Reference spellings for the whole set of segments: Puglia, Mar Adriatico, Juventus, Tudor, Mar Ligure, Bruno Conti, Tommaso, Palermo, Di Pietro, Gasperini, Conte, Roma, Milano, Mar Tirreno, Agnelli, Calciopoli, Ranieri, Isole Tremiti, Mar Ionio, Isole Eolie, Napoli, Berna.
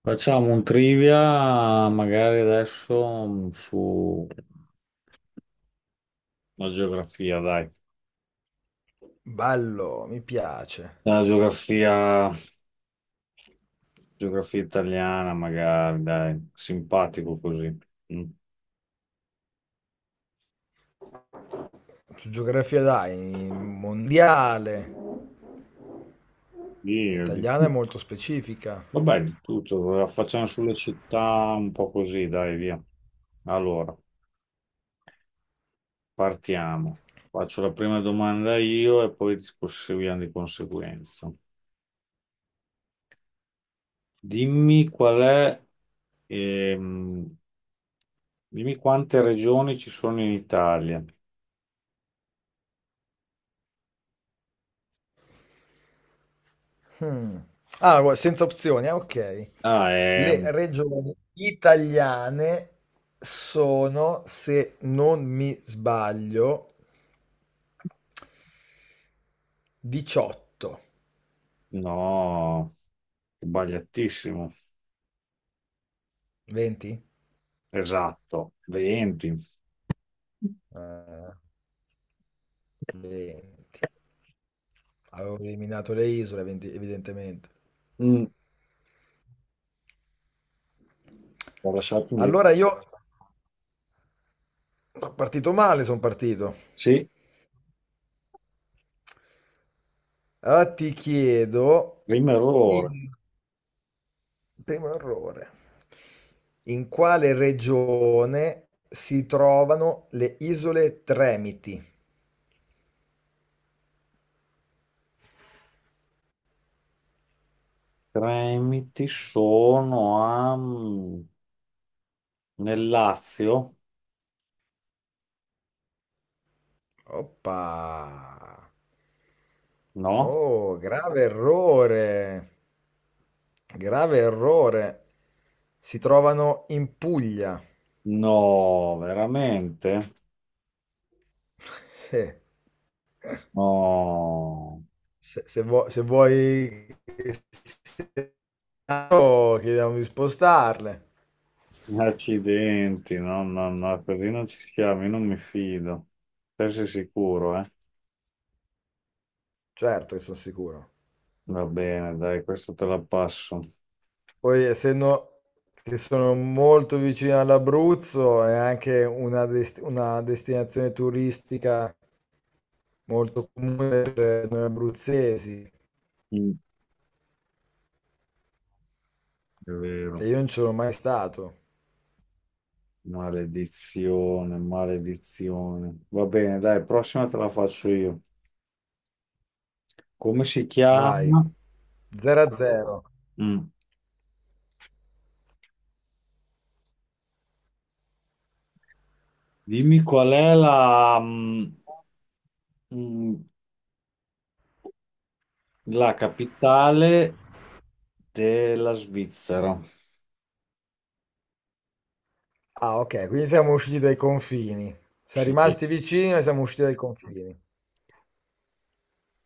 Facciamo un trivia, magari adesso su la geografia, dai. Bello, mi piace. La geografia, geografia italiana, magari, dai. Simpatico così. Mm. Tu geografia dai, mondiale, Sì, di italiana è tutto. molto specifica. Vabbè, di tutto. La Facciamo sulle città un po' così, dai, via. Allora, partiamo. Faccio la prima domanda io e poi proseguiamo di conseguenza. Dimmi qual è ehm, Dimmi quante regioni ci sono in Italia. Hmm. Ah, senza opzioni, ah, ok. Ah, Le regioni italiane sono, se non mi sbaglio, 18. no, sbagliatissimo. 20? Esatto, 20. Ah, 20. Avevo eliminato le isole, 20 evidentemente. Mm, ho lasciato Allora indietro. io sono partito male, sono partito. Sì, Allora ti chiedo. primo errore. Dimmi. Primo errore, in quale regione si trovano le Isole Tremiti? Tremiti sono nel Lazio? Oppa! No? Oh, grave errore! Grave errore! Si trovano in Puglia. No, veramente? No. Sì, se vuoi che sia chiaro, chiediamo di spostarle. Accidenti, no, no, no, così non ci siamo, io non mi fido. Te sei sicuro, eh? Certo che sono sicuro. Va bene, dai, questo te la passo. Poi, essendo che sono molto vicino all'Abruzzo, è anche una destinazione turistica molto comune per noi abruzzesi, Mm. È che vero. io non ci sono mai stato. Maledizione, maledizione. Va bene, dai, prossima te la faccio io. Come si Vai, chiama? 0 a 0. Mm. Dimmi qual è mm, la capitale della Svizzera. Ah, ok, quindi siamo usciti dai confini. Siamo Sì. rimasti vicini, ma siamo usciti dai confini.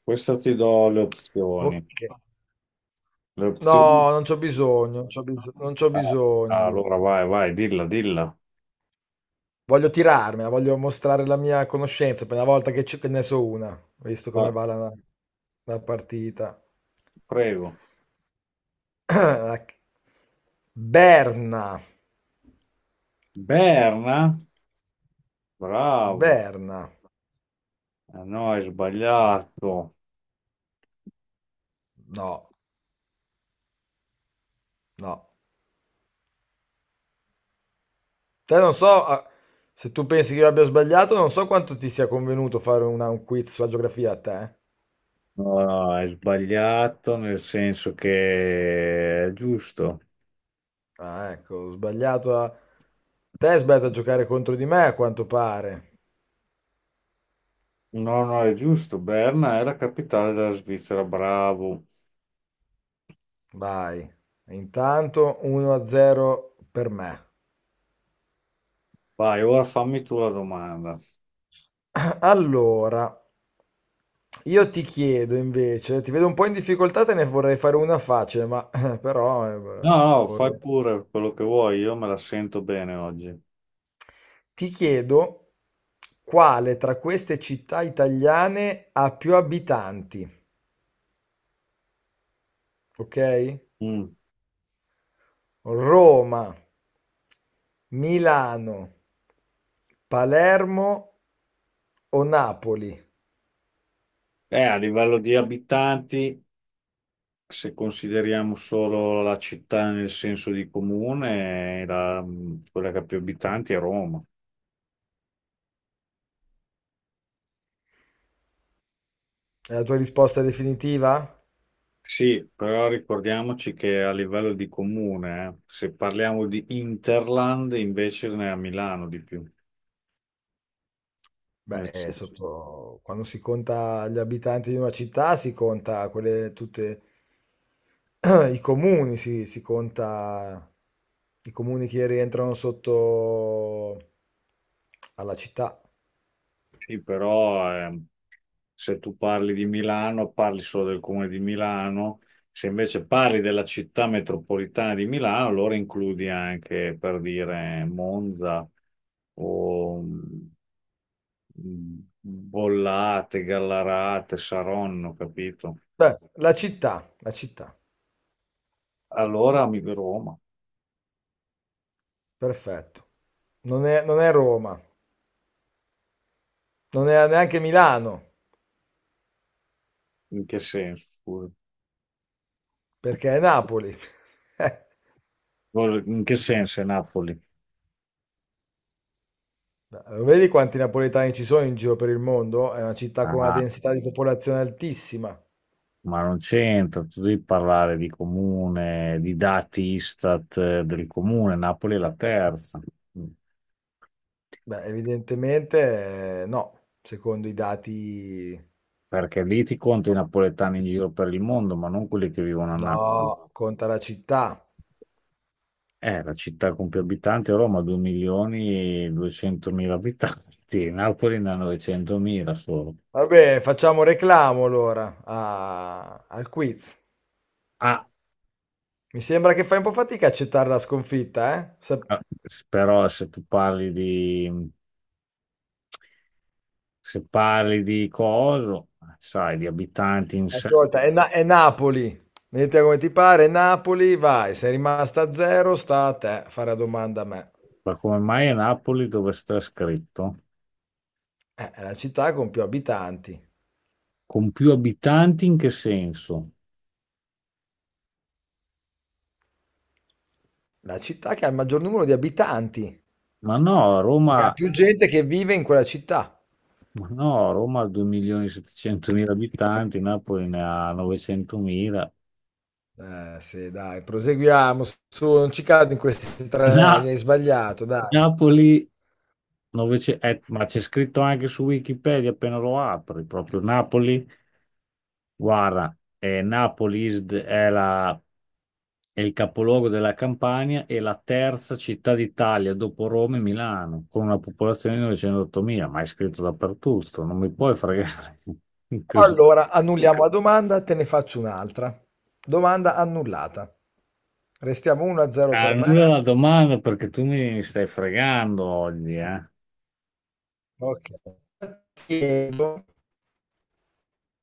Questa ti do le Ok. opzioni. Le opzioni? No, non c'ho bisogno, non c'ho bisogno, non c'ho Ah, ah, bisogno. allora vai, vai, dilla, dilla. Voglio tirarmela, voglio mostrare la mia conoscenza per una volta che, che ne so una, visto come Va, va la partita. prego. Berna, Berna? Bravo. Berna, Ah, no, hai sbagliato. no, no. Te non so se tu pensi che io abbia sbagliato, non so quanto ti sia convenuto fare un quiz sulla geografia a te. No, no, hai sbagliato nel senso che è giusto. Ah, ecco, ho sbagliato a. Te hai sbagliato a giocare contro di me, a quanto pare. No, no, è giusto. Berna è la capitale della Svizzera, bravo. Vai. Intanto 1-0 per me. Vai, ora fammi tu la domanda. Allora, io ti chiedo invece, ti vedo un po' in difficoltà, te ne vorrei fare una facile, ma però No, no, fai vorrei. pure quello che vuoi, io me la sento bene oggi. Ti chiedo quale tra queste città italiane ha più abitanti, ok? Mm. Roma, Milano, Palermo o Napoli? A livello di abitanti, se consideriamo solo la città nel senso di comune, quella che ha più abitanti è Roma. È la tua risposta definitiva? Sì, però ricordiamoci che a livello di comune, se parliamo di Interland, invece ne è a Milano di più. Beh, Nel senso- sotto quando si conta gli abitanti di una città, si conta quelle tutte i comuni, si conta i comuni che rientrano sotto alla città. Sì, però se tu parli di Milano, parli solo del comune di Milano. Se invece parli della città metropolitana di Milano, allora includi anche, per dire, Monza o Bollate, Gallarate, Saronno, capito? Beh, la città, Allora mi Roma. perfetto. Non è Roma, non è neanche Milano, In che senso? Scusa? perché è Napoli. In che senso è Napoli? Lo vedi quanti napoletani ci sono in giro per il mondo? È una città con una Ah, densità di popolazione altissima. ma non c'entra, tu devi parlare di comune, di dati Istat, del comune, Napoli è la terza, Beh, evidentemente no, secondo i dati perché lì ti conto i napoletani in giro per il mondo, ma non quelli che vivono a Napoli. no, conta la città. La città con più abitanti è Roma, 2 milioni e 200.000 abitanti, Napoli ne ha 900.000 solo. Va bene, facciamo reclamo allora al quiz. Ah, Mi sembra che fai un po' fatica a accettare la sconfitta, eh? Eh, però Se parli di coso, sai, di abitanti in sé, Ascolta, è Napoli. Vedete come ti pare, Napoli, vai, sei rimasta a zero, sta a te fare la domanda a me. ma come mai a Napoli dove sta scritto? È la città con più abitanti. Con più abitanti in che senso? La città che ha il maggior numero di abitanti, Ma no, cioè che ha Roma, più gente che vive in quella città. ma no, Roma ha 2.700.000 abitanti, Napoli ne ha 900.000. Sì, dai, proseguiamo. Su, non ci cado in questi tranelli, Na- hai sbagliato, dai. Napoli, 900 ma c'è scritto anche su Wikipedia appena lo apri, proprio Napoli, guarda, Napoli is the- è la È il capoluogo della Campania e la terza città d'Italia dopo Roma e Milano, con una popolazione di 908.000, ma è scritto dappertutto, non mi puoi fregare così. Allora, annulliamo la domanda, te ne faccio un'altra. Domanda annullata. Restiamo 1-0 per Annulla me. la domanda perché tu mi stai fregando oggi, eh? Ok. Chiedo-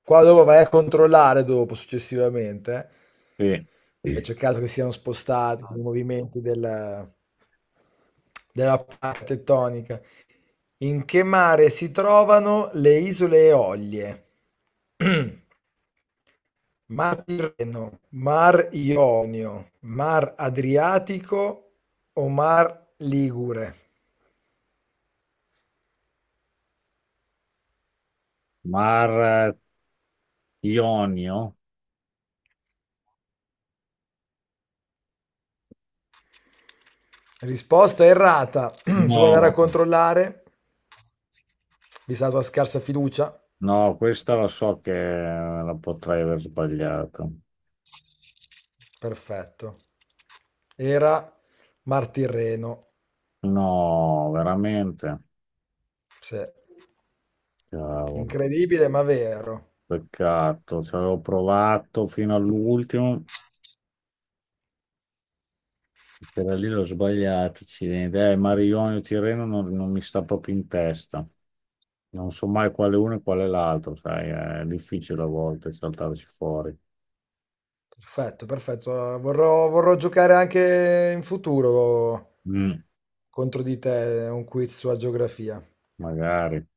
Qua dopo vai a controllare dopo, successivamente, Sì. eh. E Sì. c'è il caso che siano spostati i movimenti della parte tettonica. In che mare si trovano le Isole Eolie? Mar Tirreno, Mar Ionio, Mar Adriatico o Mar Ligure? Mar Ionio? Risposta errata. Se vuoi andare a No, controllare, vista la tua scarsa fiducia, no, questa la so che la potrei aver sbagliata. perfetto. Era Mar Tirreno. No, veramente. Sì. Cavolo, Incredibile, ma vero. peccato, ci avevo provato fino all'ultimo. Quella lì l'ho sbagliata, accidenti. Marione o Tirreno non mi sta proprio in testa. Non so mai quale uno e quale l'altro, sai, è difficile a volte saltarci fuori. Perfetto, perfetto. Vorrò giocare anche in futuro Mm, contro di te, è un quiz sulla geografia. magari.